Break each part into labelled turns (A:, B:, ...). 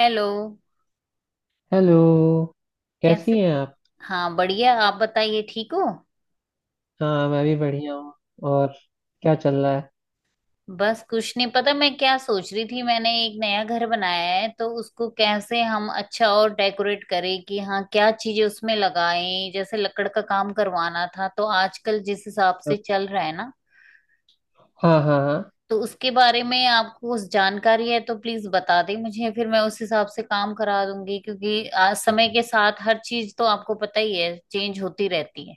A: Hello.
B: Hello. कैसी
A: कैसे?
B: हैं आप?
A: हाँ, बढ़िया। आप बताइए, ठीक हो।
B: हाँ, मैं भी बढ़िया हूँ। और क्या चल रहा है?
A: बस, कुछ नहीं, पता मैं क्या सोच रही थी। मैंने एक नया घर बनाया है, तो उसको कैसे हम अच्छा और डेकोरेट करें कि हाँ क्या चीजें उसमें लगाएं। जैसे लकड़ का काम करवाना था, तो आजकल जिस हिसाब से चल रहा है ना,
B: हाँ हाँ हाँ।
A: तो उसके बारे में आपको उस जानकारी है तो प्लीज बता दें मुझे, फिर मैं उस हिसाब से काम करा दूंगी। क्योंकि आज समय के साथ हर चीज तो आपको पता ही है, चेंज होती रहती है।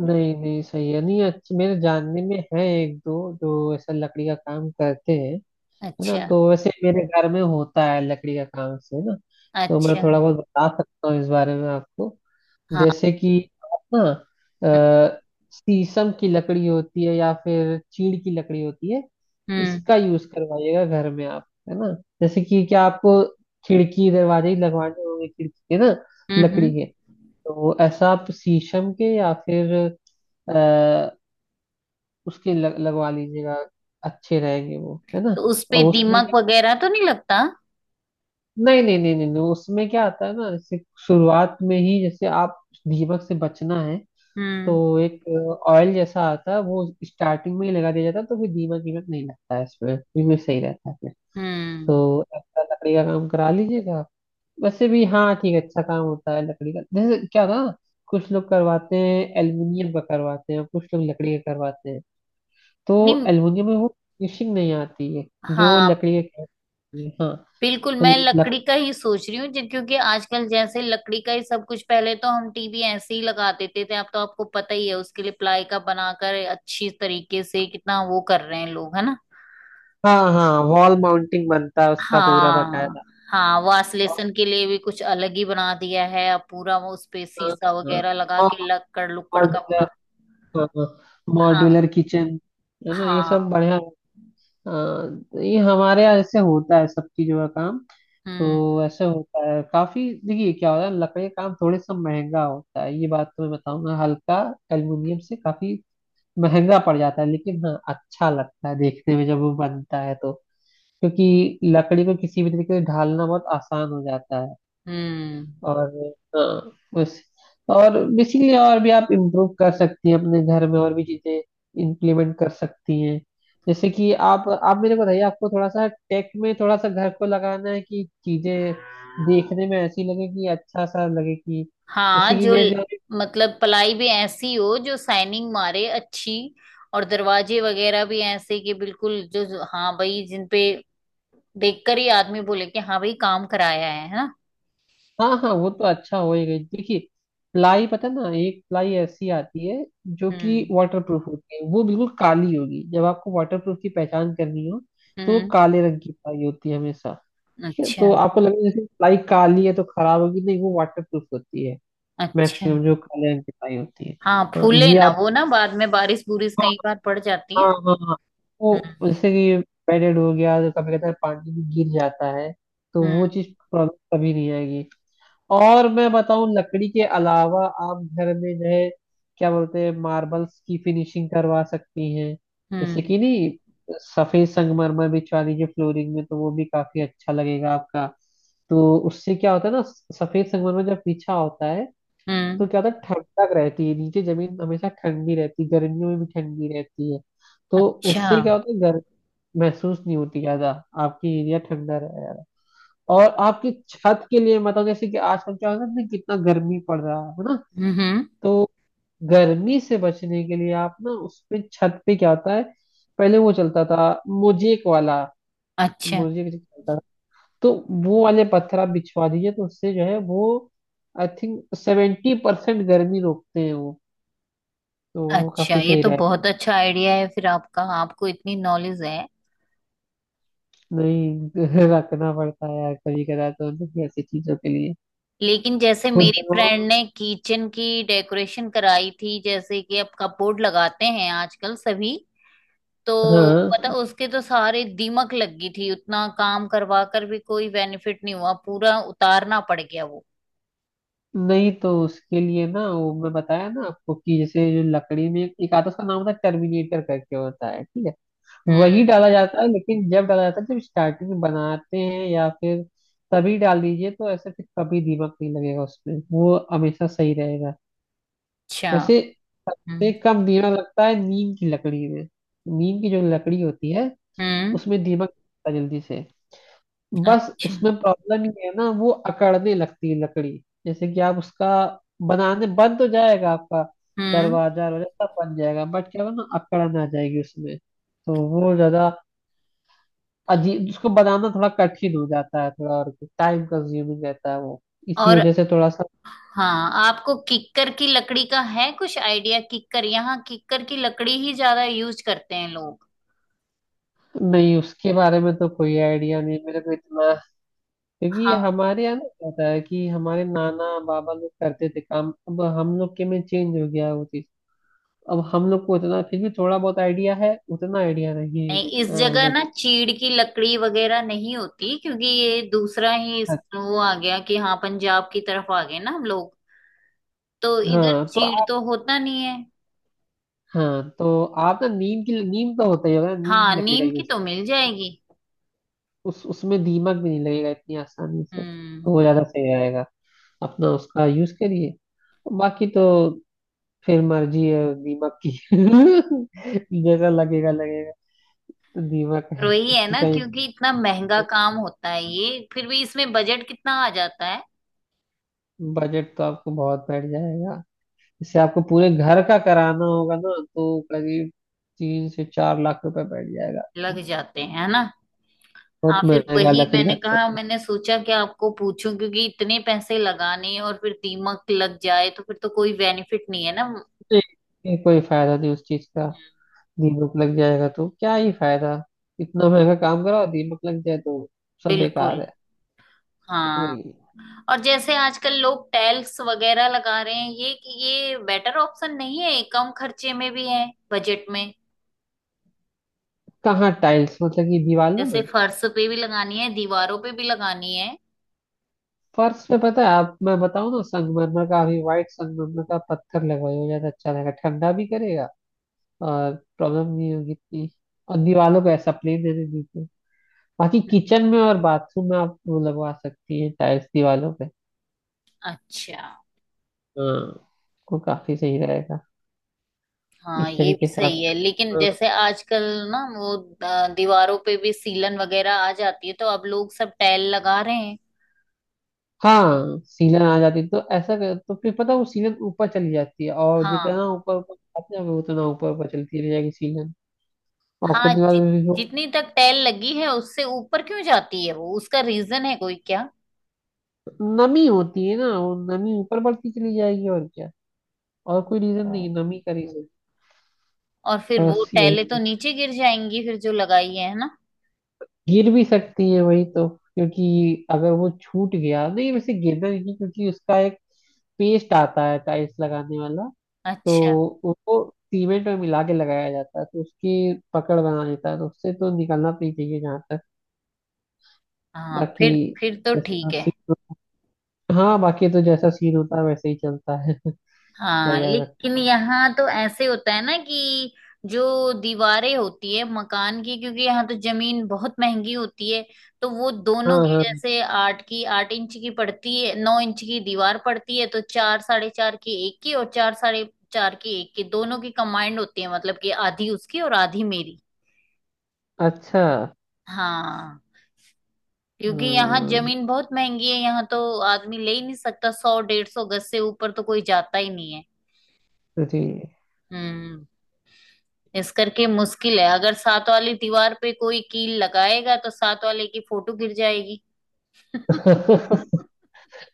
B: नहीं नहीं सही है। नहीं, अच्छा, मेरे जानने में है एक दो जो ऐसा लकड़ी का काम करते हैं, है ना?
A: अच्छा।
B: तो वैसे मेरे घर में होता है लकड़ी का काम से ना, तो मैं
A: अच्छा।
B: थोड़ा बहुत बता सकता हूँ इस बारे में आपको।
A: हाँ।
B: जैसे कि आप ना अ, शीशम की लकड़ी होती है या फिर चीड़ की लकड़ी होती है।
A: हम्म।
B: इसका यूज करवाइएगा घर में आप, है ना? जैसे कि क्या आपको खिड़की दरवाजे ही लगवाने होंगे? खिड़की के ना,
A: हम्म।
B: लकड़ी
A: हम्म।
B: के। तो ऐसा आप शीशम के या फिर अ, उसके लगवा लीजिएगा, अच्छे रहेंगे वो, है ना?
A: तो उस पे
B: और उसमें
A: दीमक
B: क्या?
A: वगैरह तो नहीं लगता?
B: नहीं नहीं नहीं नहीं नहीं, उसमें क्या आता है ना, जैसे शुरुआत में ही जैसे आप दीमक से बचना है तो
A: हम्म।
B: एक ऑयल जैसा आता है वो स्टार्टिंग में ही लगा दिया जाता है तो फिर दीमक वीमक नहीं लगता है इसमें, बिल्कुल सही रहता है फिर।
A: हम्म।
B: तो अच्छा लकड़ी का काम करा लीजिएगा आप। वैसे भी हाँ ठीक है, अच्छा काम होता है लकड़ी का। जैसे क्या ना, कुछ लोग करवाते हैं एल्युमिनियम का करवाते हैं, कुछ लोग लकड़ी का करवाते हैं। तो
A: नहीं।
B: एल्युमिनियम में वो फिनिशिंग नहीं आती है जो
A: हाँ,
B: लकड़ी के करवाते हैं। हाँ।
A: बिल्कुल
B: तो
A: मैं
B: लक,
A: लकड़ी का ही सोच रही हूँ क्योंकि आजकल जैसे लकड़ी का ही सब कुछ। पहले तो हम टीवी ऐसे ही लगा देते थे, अब तो आपको पता ही है उसके लिए प्लाई का बनाकर अच्छी तरीके से कितना वो कर रहे हैं लोग, है ना।
B: हाँ हाँ वॉल माउंटिंग बनता है उसका पूरा
A: हाँ।
B: बकायदा।
A: हाँ, वासलेशन के लिए भी कुछ अलग ही बना दिया है अब, पूरा वो उस पे
B: हाँ
A: शीशा
B: हाँ।
A: वगैरह लगा के लक्कड़ लुक्कड़
B: और
A: का पूरा। हाँ।
B: मॉड्यूलर किचन है ना, ये सब
A: हाँ।
B: बढ़िया है। हाँ, तो ये हमारे यहाँ ऐसे होता है सब चीजों का काम।
A: हम्म।
B: तो ऐसे होता है काफी। देखिए क्या होता है, लकड़ी का काम थोड़े सा महंगा होता है ये बात तो मैं बताऊंगा। हल्का एल्युमिनियम से काफी महंगा पड़ जाता है लेकिन हाँ अच्छा लगता है देखने में जब वो बनता है तो, क्योंकि लकड़ी को किसी भी तरीके से ढालना बहुत आसान हो जाता है।
A: हम्म।
B: और हाँ बस। और बेसिकली और भी आप इम्प्रूव कर सकती हैं अपने घर में, और भी चीजें इंप्लीमेंट कर सकती हैं। जैसे कि आप मेरे को बताइए, आपको थोड़ा सा टेक में थोड़ा सा घर को लगाना है कि चीजें देखने में ऐसी लगे कि अच्छा सा लगे कि
A: हाँ,
B: जैसे कि मेरे यहाँ-
A: मतलब पलाई भी ऐसी हो जो साइनिंग मारे अच्छी। और दरवाजे वगैरह भी ऐसे कि बिल्कुल जो जो- हाँ भाई, जिन पे देखकर ही आदमी बोले कि हाँ भाई काम कराया है ना।
B: हाँ हाँ वो तो अच्छा होएगा ही। देखिए प्लाई पता ना, एक प्लाई ऐसी आती है जो कि
A: हम्म।
B: वाटर प्रूफ होती है, वो बिल्कुल काली होगी। जब आपको वाटर प्रूफ की पहचान करनी हो तो वो
A: हम्म।
B: काले रंग की प्लाई होती है हमेशा। क्या,
A: अच्छा।
B: तो आपको लगे जैसे प्लाई काली है तो खराब होगी, नहीं वो वाटर प्रूफ होती है,
A: अच्छा।
B: मैक्सिमम जो काले रंग की प्लाई होती है।
A: हाँ,
B: हाँ
A: फूले
B: ये
A: ना
B: आप,
A: वो ना बाद में बारिश बुरिश
B: हाँ
A: कई बार पड़ जाती है।
B: हाँ हाँ हाँ।
A: हम्म।
B: वो जैसे कि बेडेड हो गया तो कभी कभी पानी में गिर जाता है तो
A: हम्म।
B: वो चीज प्रॉब्लम कभी नहीं आएगी। और मैं बताऊं, लकड़ी के अलावा आप घर में जो है क्या बोलते हैं मार्बल्स की फिनिशिंग करवा सकती हैं। जैसे
A: हम्म।
B: कि नहीं, सफेद संगमरमर बिछवा दीजिए फ्लोरिंग में तो वो भी काफी अच्छा लगेगा आपका। तो उससे क्या होता है ना, सफेद संगमरमर जब बिछा होता है
A: हम्म।
B: तो क्या होता है, ठंडक रहती है नीचे, जमीन हमेशा ठंडी रहती है, गर्मियों में भी ठंडी रहती है। तो
A: अच्छा।
B: उससे क्या होता है, गर्मी महसूस नहीं होती ज्यादा, आपकी एरिया ठंडा रहेगा। और
A: हम्म।
B: आपकी छत के लिए, मतलब जैसे कि आजकल क्या होता है ना, कितना गर्मी पड़ रहा है ना?
A: हम्म,
B: तो गर्मी से बचने के लिए आप ना उस पे छत पे क्या होता है, पहले वो चलता था मोजेक वाला।
A: अच्छा।
B: मोजेक जो चलता था तो वो वाले पत्थर आप बिछवा दीजिए, तो उससे जो है वो आई थिंक 70% गर्मी रोकते हैं वो। तो वो
A: अच्छा
B: काफी
A: ये
B: सही
A: तो
B: रहेगा।
A: बहुत अच्छा आइडिया है, फिर आपका आपको इतनी नॉलेज है।
B: नहीं रखना पड़ता है यार, कभी कदा तो ऐसी चीजों के लिए।
A: लेकिन जैसे
B: खुद
A: मेरी
B: तो,
A: फ्रेंड ने किचन की डेकोरेशन कराई थी, जैसे कि अब कपबोर्ड लगाते हैं आजकल सभी, तो पता
B: हाँ।
A: उसके तो सारे दीमक लग गई थी, उतना काम करवा कर भी कोई बेनिफिट नहीं हुआ, पूरा उतारना पड़ गया वो।
B: नहीं तो उसके लिए ना वो मैं बताया ना आपको, कि जैसे जो लकड़ी में एक एक आता है, उसका नाम होता है टर्मिनेटर करके, होता है ठीक है।
A: हम्म।
B: वही डाला जाता है लेकिन जब डाला जाता है जब स्टार्टिंग में बनाते हैं या फिर तभी डाल दीजिए, तो ऐसे फिर कभी दीमक नहीं लगेगा उसमें, वो हमेशा सही रहेगा।
A: अच्छा।
B: वैसे से
A: हम्म।
B: कम दीमक लगता है नीम की लकड़ी में। नीम की जो लकड़ी होती है
A: हम्म।
B: उसमें दीमक लगता है जल्दी से। बस
A: अच्छा।
B: उसमें प्रॉब्लम ये है ना, वो अकड़ने लगती है लकड़ी। जैसे कि आप उसका बनाने, बन तो जाएगा आपका
A: हम्म।
B: दरवाजा वगैरह सब बन जाएगा बट क्या होगा ना, अकड़न आ जाएगी उसमें, तो वो ज्यादा अजीब, उसको बनाना थोड़ा कठिन हो जाता है, थोड़ा और टाइम कंज्यूमिंग रहता है वो। इसी
A: और
B: वजह से थोड़ा सा।
A: हाँ, आपको किक्कर की लकड़ी का है कुछ आइडिया? किक्कर, यहाँ किक्कर की लकड़ी ही ज्यादा यूज करते हैं लोग।
B: नहीं उसके बारे में तो कोई आइडिया नहीं मेरे को इतना, क्योंकि
A: हाँ।
B: हमारे यहाँ ना क्या होता है कि हमारे नाना बाबा लोग करते थे काम, अब हम लोग के में चेंज हो गया है वो चीज। अब हम लोग को उतना फिर भी थोड़ा बहुत आइडिया है, उतना आइडिया नहीं है जी,
A: नहीं, इस
B: हाँ
A: जगह ना चीड़ की लकड़ी वगैरह नहीं होती, क्योंकि ये दूसरा ही
B: हाँ।
A: वो आ गया कि हाँ पंजाब की तरफ आ गए ना हम लोग, तो इधर
B: हाँ, तो
A: चीड़
B: आप-
A: तो होता नहीं है।
B: हाँ तो आप ना नीम की, नीम तो होता ही होगा ना, नीम
A: हाँ,
B: की लकड़ी का
A: नीम की
B: यूज।
A: तो मिल जाएगी।
B: उस उसमें दीमक भी नहीं लगेगा इतनी आसानी से, तो वो
A: हम्म।
B: ज्यादा सही रहेगा। अपना उसका यूज करिए, बाकी तो फिर मर्जी है दीमक की जैसा लगेगा लगेगा। तो दीमक
A: पर
B: है
A: वही है
B: कि
A: ना,
B: कहीं,
A: क्योंकि इतना महंगा काम होता है ये, फिर भी इसमें बजट कितना आ जाता है?
B: बजट तो आपको बहुत बैठ जाएगा इससे, आपको पूरे घर का कराना होगा ना तो करीब 3 से 4 लाख रुपए बैठ जाएगा आपका,
A: लग जाते हैं है ना। हाँ,
B: बहुत
A: फिर
B: महंगा
A: वही
B: लकड़ी
A: मैंने
B: का।
A: कहा, मैंने सोचा कि आपको पूछूं, क्योंकि इतने पैसे लगाने और फिर दीमक लग जाए तो फिर तो कोई बेनिफिट नहीं है ना।
B: नहीं, ये कोई फायदा नहीं उस चीज का,
A: हम्म।
B: दीमक लग जाएगा तो क्या ही फायदा, इतना महंगा काम कराओ दीमक लग जाए तो सब
A: बिल्कुल।
B: बेकार है।
A: हाँ।
B: वही।
A: और जैसे आजकल लोग टैल्स वगैरह लगा रहे हैं ये बेटर ऑप्शन नहीं है? कम खर्चे में भी है, बजट में।
B: कहाँ टाइल्स, मतलब कि दीवारों
A: जैसे
B: में?
A: फर्श पे भी लगानी है, दीवारों पे भी लगानी है।
B: फर्श पे पता है आप, मैं बताऊँ ना, संगमरमर का अभी, व्हाइट संगमरमर का पत्थर लगवाइए, वो ज्यादा अच्छा रहेगा, ठंडा भी करेगा और प्रॉब्लम नहीं होगी इतनी। और दीवारों को ऐसा प्लेन रहने दीजिए, बाकी किचन में और बाथरूम में आप वो लगवा सकती हैं टाइल्स दीवालों पे।
A: अच्छा।
B: हाँ वो काफी सही रहेगा
A: हाँ,
B: इस
A: ये भी
B: तरीके से आप।
A: सही है, लेकिन
B: हाँ
A: जैसे आजकल ना वो दीवारों पे भी सीलन वगैरह आ जाती है, तो अब लोग सब टैल लगा रहे हैं।
B: हाँ, सीलन आ जाती है, तो ऐसा कर तो फिर पता है वो सीलन ऊपर चली जाती है और जितना
A: हाँ।
B: ऊपर ऊपर जाते हैं वो उतना ऊपर ऊपर चलती रह जाएगी सीलन, और कुछ
A: हाँ,
B: दिन बाद भी वो
A: जितनी तक टैल लगी है उससे ऊपर क्यों जाती है वो, उसका रीजन है कोई क्या?
B: नमी होती है ना, वो नमी ऊपर बढ़ती चली जाएगी और क्या, और कोई रीजन नहीं है, नमी का रीजन
A: और फिर
B: बस
A: वो
B: यही।
A: टाइलें तो नीचे गिर जाएंगी फिर, जो लगाई है ना।
B: गिर भी सकती है वही तो, क्योंकि अगर वो छूट गया नहीं वैसे गिर जाएगी, क्योंकि उसका एक पेस्ट आता है टाइल्स लगाने वाला
A: अच्छा।
B: तो उसको सीमेंट में मिला के लगाया जाता है, तो उसकी पकड़ बना देता है, तो उससे तो निकलना तो नहीं चाहिए जहाँ तक।
A: हाँ,
B: बाकी
A: फिर तो ठीक
B: जैसा
A: है।
B: सीन, हाँ बाकी तो जैसा सीन होता है वैसे ही चलता है क्या
A: हाँ
B: कह सकता
A: लेकिन यहाँ तो ऐसे होता है ना कि जो दीवारें होती है मकान की, क्योंकि यहाँ तो जमीन बहुत महंगी होती है, तो वो
B: हूँ।
A: दोनों
B: हाँ
A: की
B: हाँ
A: जैसे आठ की 8 इंच की पड़ती है, 9 इंच की दीवार पड़ती है, तो चार साढ़े चार की एक की और चार साढ़े चार की एक की, दोनों की कंबाइंड होती है, मतलब कि आधी उसकी और आधी मेरी।
B: अच्छा।
A: हाँ। क्योंकि यहाँ
B: अम्म,
A: जमीन बहुत महंगी है, यहाँ तो आदमी ले ही नहीं सकता, सौ डेढ़ सौ गज से ऊपर तो कोई जाता ही नहीं है।
B: जी।
A: हम्म। इस करके मुश्किल है, अगर सात वाली दीवार पे कोई कील लगाएगा तो सात वाले की फोटो गिर जाएगी।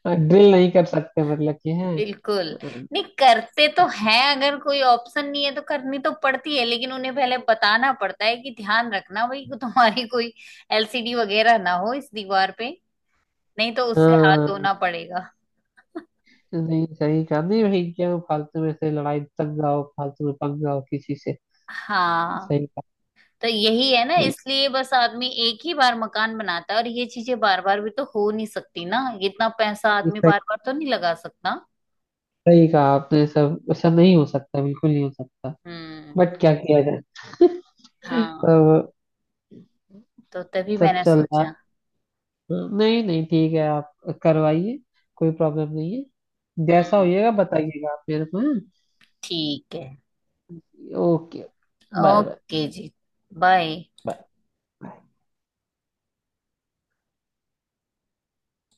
B: ड्रिल नहीं कर सकते मतलब कि है,
A: बिल्कुल,
B: हाँ।
A: नहीं करते तो हैं, अगर कोई ऑप्शन नहीं है तो करनी तो पड़ती है, लेकिन उन्हें पहले बताना पड़ता है कि ध्यान रखना भाई कि तुम्हारी कोई एलसीडी वगैरह ना हो इस दीवार पे, नहीं तो उससे हाथ
B: हाँ।
A: धोना पड़ेगा।
B: नहीं सही कहा, नहीं भाई, क्या वो फालतू में से लड़ाई तक जाओ फालतू में पक जाओ किसी से,
A: हाँ,
B: सही कहा।
A: तो यही है ना,
B: नहीं
A: इसलिए बस आदमी एक ही बार मकान बनाता है, और ये चीजें बार बार भी तो हो नहीं सकती ना, इतना पैसा
B: ये
A: आदमी
B: सही,
A: बार बार तो नहीं लगा सकता।
B: सही कहा आपने, सब ऐसा नहीं हो सकता बिल्कुल नहीं हो सकता।
A: हम्म।
B: बट क्या किया जाए,
A: हाँ,
B: सब
A: तो तभी
B: सब
A: मैंने
B: चल रहा है।
A: सोचा।
B: नहीं नहीं ठीक है आप करवाइए, कोई प्रॉब्लम नहीं है, जैसा
A: हम्म।
B: होइएगा बताइएगा आप मेरे को, हाँ?
A: ठीक है।
B: ओके। बाय बाय
A: ओके जी। बाय।
B: बाय।